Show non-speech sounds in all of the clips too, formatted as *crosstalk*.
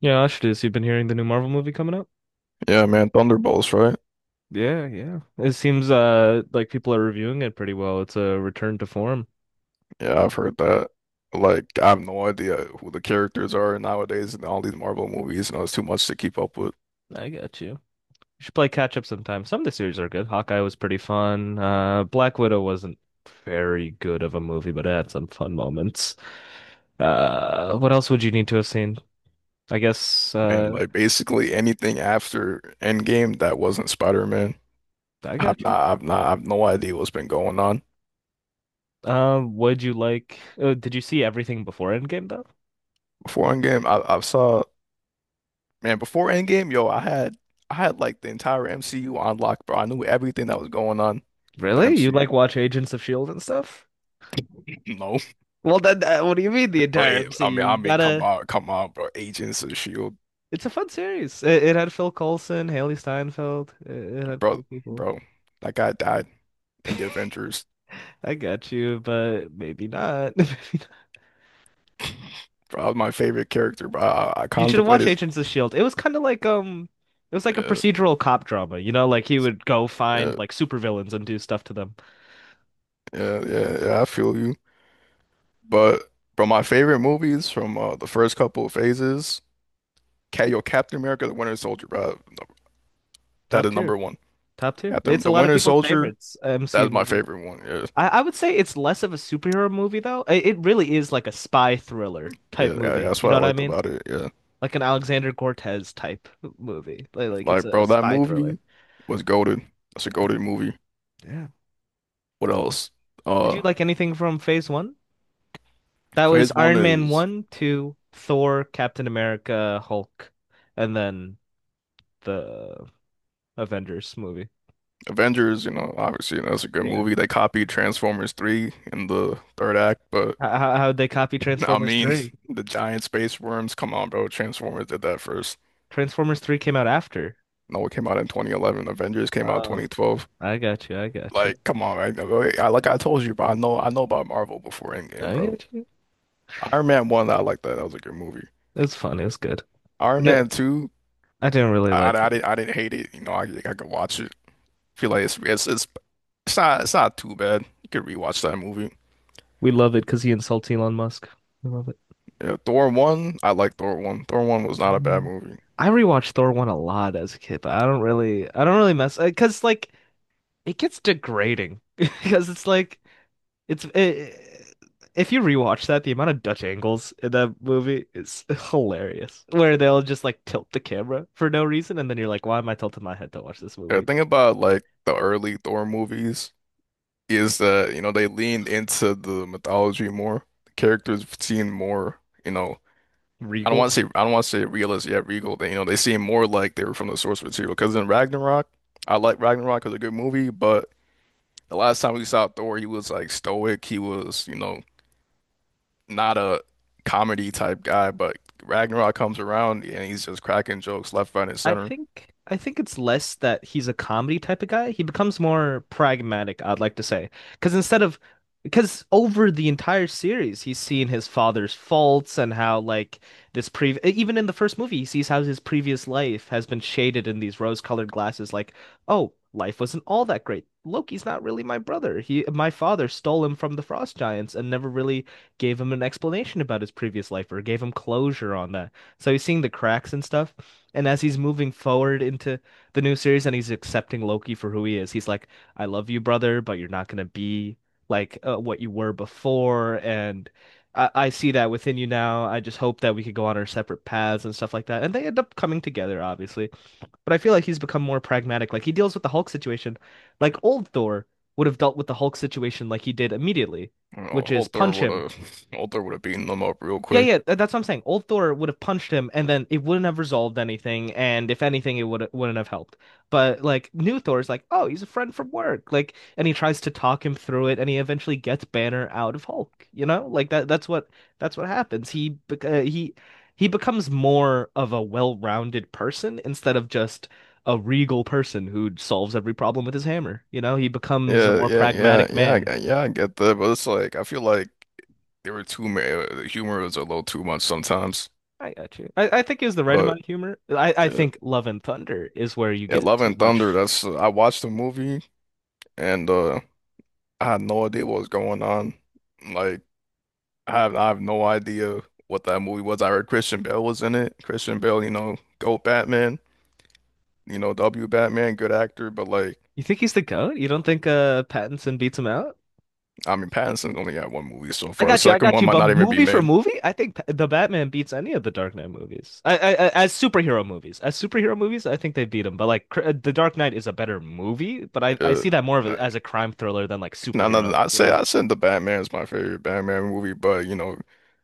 Yeah, I should have you've been hearing the new Marvel movie coming up. Yeah, man, Thunderbolts, right? Yeah, yeah. It seems like people are reviewing it pretty well. It's a return to form. Yeah, I've heard that. Like, I have no idea who the characters are nowadays in all these Marvel movies, and it's too much to keep up with. I got you. You should play catch up sometime. Some of the series are good. Hawkeye was pretty fun. Black Widow wasn't very good of a movie, but it had some fun moments. What else would you need to have seen? I guess Man, uh like basically anything after Endgame that wasn't Spider-Man, I got you. I've no idea what's been going on. Would you did you see everything before Endgame though? Before Endgame, I saw, man, before Endgame, yo, I had like the entire MCU on lock, bro. I knew everything that was going on with the Really? You MCU. like *laughs* watch Agents of Shield and stuff? No, Well, then, what do you mean the *clears throat* entire I MCU? mean, I You mean, come gotta. on, come on, bro. Agents of Shield. It's a fun series. It had Phil Coulson, Haley Steinfeld. It had Bro, cool people. bro, that guy died in the Avengers. I got you, but maybe not. *laughs* Maybe not. *laughs* Bro, that was my favorite character, bro. I You should have watched contemplated. Agents of Shield. It was kind of like it was like a Uh, procedural cop drama. You know, like he would go find yeah, like supervillains and do stuff to them. yeah, I feel you. But bro, my favorite movies from the first couple of phases, yo, Captain America, the Winter Soldier, bro. That Top is tier, number one. top tier. Captain, It's a the lot of Winter people's Soldier, favorites MCU that's my movie. favorite one. Yeah, I would say it's less of a superhero movie though. It really is like a spy thriller yeah, type yeah, yeah, movie. that's You what know I what I liked mean? about it. Yeah, Like an Alexander Cortez type movie. Like it's like a bro, that spy thriller. movie was goated. That's a Yeah. goated movie. Yeah. What else? Did you Uh, like anything from Phase One? That was Phase one Iron Man is. one, two, Thor, Captain America, Hulk, and then the Avengers movie. Avengers, you know, obviously, you know, that's a good Yeah. movie. They copied Transformers 3 in the third act, but How how'd they copy I Transformers mean, three? *laughs* the giant space worms, come on, bro. Transformers did that first. Transformers three came out after. No, it came out in 2011. Avengers came out Oh, 2012. I got you. I got you. Like, come on, right? I, like I told you, bro, I know about Marvel before Endgame, I bro. got you. Iron Man 1, I like that. That was a good movie. It was fun. It was good. I Iron did Man 2, I didn't really like it. I didn't hate it. You know, I could watch it. Feel like it's not too bad. You could rewatch that movie. We love it because he insults Elon Musk. We love it. Yeah, Thor 1, I like Thor 1. Thor 1 was not a bad Mm. movie. I rewatched Thor 1 a lot as a kid, but I don't really mess because like it gets degrading *laughs* because it's like it's it, if you rewatch that the amount of Dutch angles in that movie is *laughs* hilarious where they'll just like tilt the camera for no reason and then you're like why am I tilting my head to watch this Yeah, the movie? thing about like the early Thor movies is that, you know, they leaned into the mythology more. The characters seemed more, you know, Regal. I don't want to say realistic yet regal. They, you know, they seem more like they were from the source material. Because in Ragnarok, I like Ragnarok as a good movie, but the last time we saw Thor, he was like stoic. He was, you know, not a comedy type guy, but Ragnarok comes around and he's just cracking jokes left, right, and center. I think it's less that he's a comedy type of guy. He becomes more pragmatic, I'd like to say. Because instead of Because over the entire series, he's seen his father's faults and how like this pre even in the first movie, he sees how his previous life has been shaded in these rose-colored glasses like, "Oh, life wasn't all that great. Loki's not really my brother. He My father stole him from the Frost Giants and never really gave him an explanation about his previous life or gave him closure on that." So he's seeing the cracks and stuff. And as he's moving forward into the new series and he's accepting Loki for who he is, he's like, I love you, brother, but you're not going to be like what you were before. And I see that within you now. I just hope that we could go on our separate paths and stuff like that. And they end up coming together, obviously. But I feel like he's become more pragmatic. Like he deals with the Hulk situation. Like old Thor would have dealt with the Hulk situation like he did immediately, You know, which is Altar punch would him. have *laughs* Altar would have beaten them up real Yeah, quick. yeah, that's what I'm saying. Old Thor would have punched him, and then it wouldn't have resolved anything. And if anything, it would wouldn't have helped. But like new Thor is like, oh, he's a friend from work. Like, and he tries to talk him through it, and he eventually gets Banner out of Hulk. You know, like that. That's what happens. He becomes more of a well-rounded person instead of just a regal person who solves every problem with his hammer. You know, he becomes a Yeah, more yeah, yeah, pragmatic yeah, man. Yeah, I get that, but it's like I feel like they were too ma the humor was a little too much sometimes. I got you. I think he has the right But amount of humor. I yeah, think Love and Thunder is where you yeah, get Love too and Thunder, much. that's I watched the movie and I had no idea what was going on. Like I have no idea what that movie was. I heard Christian Bale was in it. Christian Bale, you know, GOAT Batman, you know, W Batman, good actor, but like You think he's the GOAT? You don't think Pattinson beats him out? I mean Pattinson's only had one movie so I far. The got you. I second got one you. might But not even be movie for made. movie, I think the Batman beats any of the Dark Knight movies. I as superhero movies, I think they beat him. But like the Dark Knight is a better movie. But I Uh, see that more of a, as a crime thriller than like no, superhero. You know? I said the Batman is my favorite Batman movie, but you know,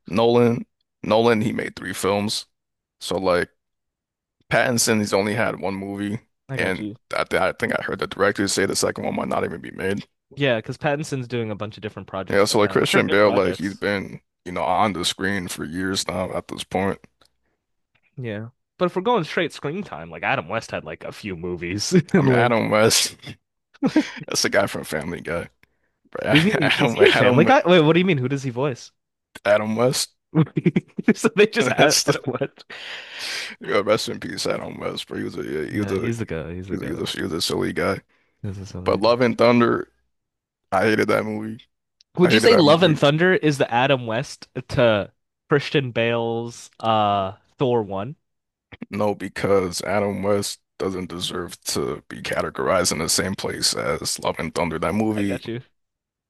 Nolan, Nolan, he made three films. So like Pattinson, he's only had one movie, I got and you. I think I heard the director say the second one might not even be made. Yeah, because Pattinson's doing a bunch of different projects Yeah, so right like now, which are Christian good Bale, like he's projects. been you know on the screen for years now at this point. Yeah. But if we're going straight screen time, like Adam West had like a few movies *laughs* I and mean, like Adam West, *laughs* that's the guy from Family Guy, bro. *laughs* what do you mean is Adam, he in Family Adam, Guy? Wait, what do you mean? Who does he voice? Adam West. *laughs* So they *laughs* just had That's the Adam West. yeah, rest in peace, Adam West, bro. He was a yeah, he was Yeah, a. he's the guy. He's the guy. He's a silly guy. This is But Love something. and Thunder, I hated that movie. I Would you hated say that Love and movie. Thunder is the Adam West to Christian Bale's Thor one? No, because Adam West doesn't deserve to be categorized in the same place as Love and Thunder. That I movie got you.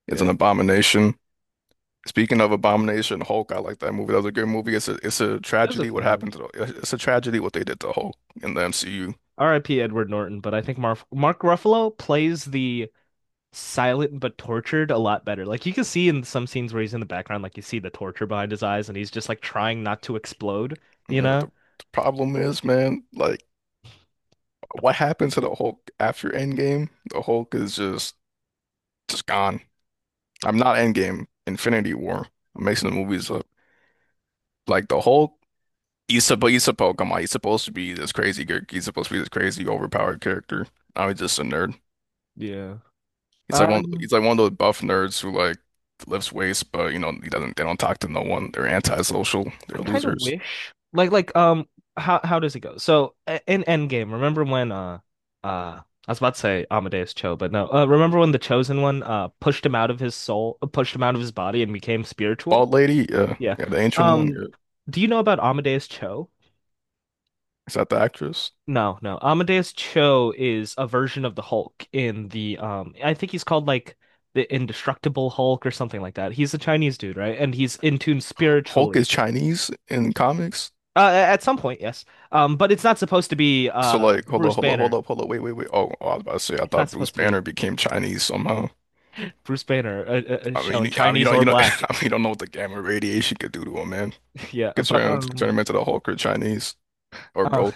is an Yeah. abomination. Speaking of abomination, Hulk, I like that movie. That was a good movie. It's a That was a tragedy what fun one. happened to the, it's a tragedy what they did to Hulk in the MCU. R.I.P. Edward Norton, but I think Mark Ruffalo plays the silent but tortured a lot better. Like you can see in some scenes where he's in the background, like you see the torture behind his eyes and he's just like trying not to explode, You you know, know? the problem is, man, like what happened to the Hulk after Endgame? The Hulk is just gone. I'm not Endgame, Infinity War. I'm mixing the movies up. Like the Hulk, he's come on, he's supposed to be this crazy character. He's supposed to be this crazy overpowered character. Now he's just a nerd. Yeah. Um, He's like one of those buff nerds who like lifts weights, but you know, he doesn't they don't talk to no one. They're antisocial. I They're kind of losers. wish how does it go? So in Endgame, remember when uh I was about to say Amadeus Cho, but no. Remember when the Chosen One pushed him out of his soul, pushed him out of his body and became Bald spiritual? lady, yeah, Yeah. yeah, the ancient one, Um, yeah. do you know about Amadeus Cho? Is that the actress? No, no. Amadeus Cho is a version of the Hulk in the I think he's called like the Indestructible Hulk or something like that. He's a Chinese dude, right? And he's in tune Hulk is spiritually. Chinese in comics. At some point, yes. Um, but it's not supposed to be So like, hold up, Bruce hold up, hold Banner. up, hold up, wait. Oh, I was about to say, I It's not thought Bruce supposed to be Banner became Chinese somehow. Bruce Banner I shown mean, I mean, you Chinese don't, or you know, *laughs* black. I mean, you don't know what the gamma radiation could do to him, man. *laughs* Yeah, Could but turn him into the Hulk or Chinese or uh both.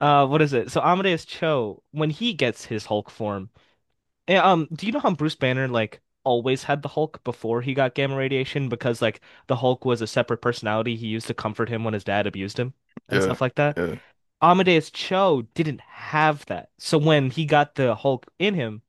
what is it? So Amadeus Cho when he gets his Hulk form. And, do you know how Bruce Banner like always had the Hulk before he got gamma radiation because like the Hulk was a separate personality he used to comfort him when his dad abused him and Yeah, stuff like that? yeah, Amadeus Cho didn't have that. So when he got the Hulk in him,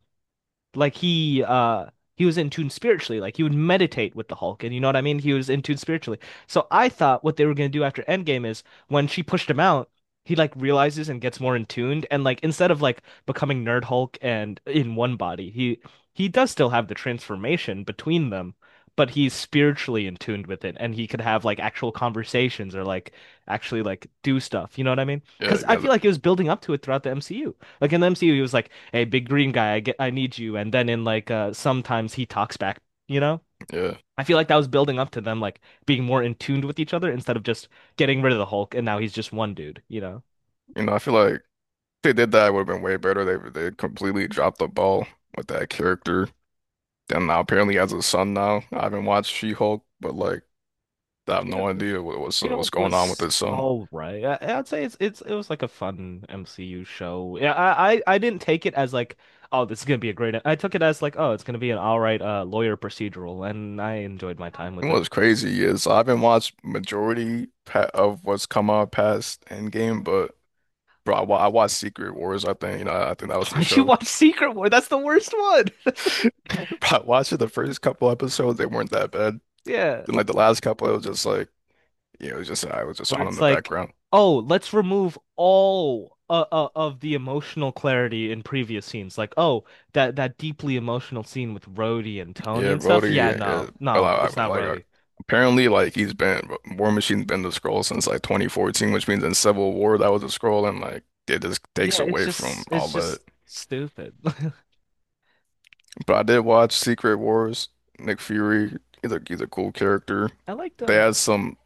like he was in tune spiritually like he would meditate with the Hulk and you know what I mean he was in tune spiritually so I thought what they were gonna do after Endgame is when she pushed him out he like realizes and gets more in tuned and like instead of like becoming Nerd Hulk and in one body he does still have the transformation between them but he's spiritually in tuned with it and he could have like actual conversations or like actually like do stuff you know what I mean yeah. because You I got feel it. like it was building up to it throughout the MCU like in the MCU, he was like, "Hey, big green guy, I get, I need you." And then in like sometimes he talks back. You know, Yeah, I feel like that was building up to them like being more in tune with each other instead of just getting rid of the Hulk and now he's just one dude. You know, you know, I feel like if they did that, it would have been way better. They completely dropped the ball with that character. And now apparently has a son now. I haven't watched She-Hulk, but like I have She, no idea what's She-Hulk going on with was his son. all right. I'd say it was like a fun MCU show. Yeah, I didn't take it as like, oh, this is gonna be a great. I took it as like, oh, it's gonna be an all right lawyer procedural, and I enjoyed my time with And it. what's crazy is I haven't watched majority pa of what's come out past Endgame, but bro, I watched Secret Wars. I think that was *laughs* the Why'd you show. watch Secret War? That's the worst one. *laughs* That's the, *laughs* But watching the first couple episodes, they weren't that bad. yeah. And like the last couple, it was just like, yeah, it was just I was just Where on in it's the like, background. oh, let's remove all of the emotional clarity in previous scenes. Like, oh, that deeply emotional scene with Rhodey and Tony Yeah, and stuff. Rhodey, Yeah, yeah, yeah. no, But no, like, it's I- not like, uh, Rhodey. apparently, like he's been War Machine's been the scroll since like 2014, which means in Civil War that was a scroll, and like it just takes Yeah, away from all it's that. just stupid. *laughs* But I did watch Secret Wars. Nick Fury, he's a cool character. I liked They had um.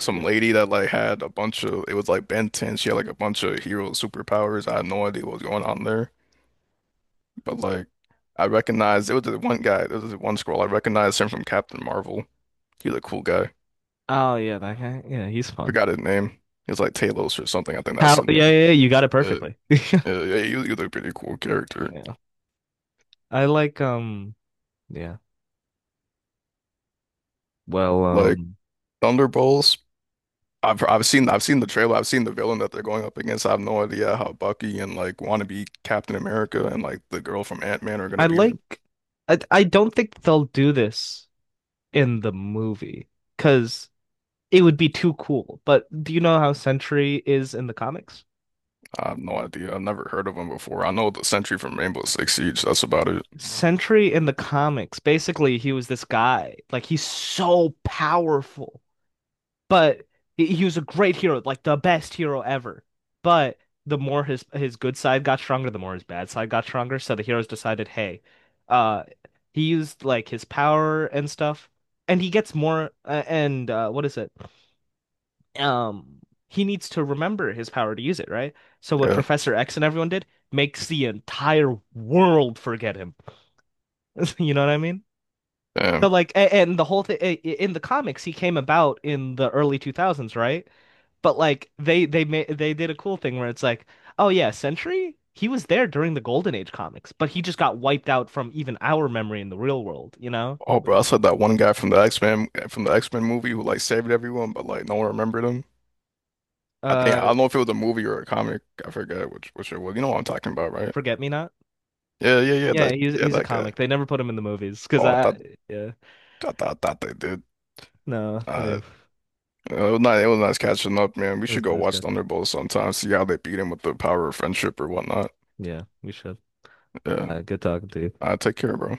some Yeah. lady that like had a bunch of it was like Ben 10. She had like a bunch of hero superpowers. I had no idea what was going on there. But like, I recognized it was the one guy. There was this one scroll I recognized him from Captain Marvel. He was a cool guy. Oh yeah, that guy. Yeah, he's fun. Forgot his name. He was like Talos or something. I think that's How? his Yeah, name. yeah, yeah, you got it Yeah, perfectly. yeah, he was a pretty cool character. Yeah, I like. Yeah. Well, Like Thunderbolts. I've seen the trailer. I've seen the villain that they're going up against. I have no idea how Bucky and like wannabe Captain America and like the girl from Ant-Man are I gonna beat her. like. I don't think they'll do this in the movie because it would be too cool. But do you know how Sentry is in the comics? I have no idea. I've never heard of him before. I know the Sentry from Rainbow Six Siege. That's about it. Sentry in the comics, basically, he was this guy. Like, he's so powerful, but he was a great hero, like the best hero ever. But the more his good side got stronger, the more his bad side got stronger. So the heroes decided, hey, uh, he used like his power and stuff, and he gets more. And what is it? um he needs to remember his power to use it, right? So what Yeah. Professor X and everyone did makes the entire world forget him. *laughs* You know what I mean? So Damn. like and the whole thing in the comics he came about in the early 2000s, right? But like they did a cool thing where it's like, "Oh yeah, Sentry, he was there during the Golden Age comics, but he just got wiped out from even our memory in the real world, you know?" Oh, bro, Which- I like that one guy from the X-Men movie who like saved everyone, but like no one remembered him. I think I Uh, don't know if it was a movie or a comic. I forget which it was. You know what I'm talking about, right? Forget Me Not? Yeah, yeah, yeah. Yeah, That yeah, he's a that guy. comic. They never put him in the movies because Oh, I I thought yeah. I thought they did. No, I do. Uh, It was nice catching up, man. We It should was go nice watch catching up. Thunderbolts sometime. See how they beat him with the power of friendship or whatnot. Yeah, we should. Yeah. Good talking to you. Take care, bro.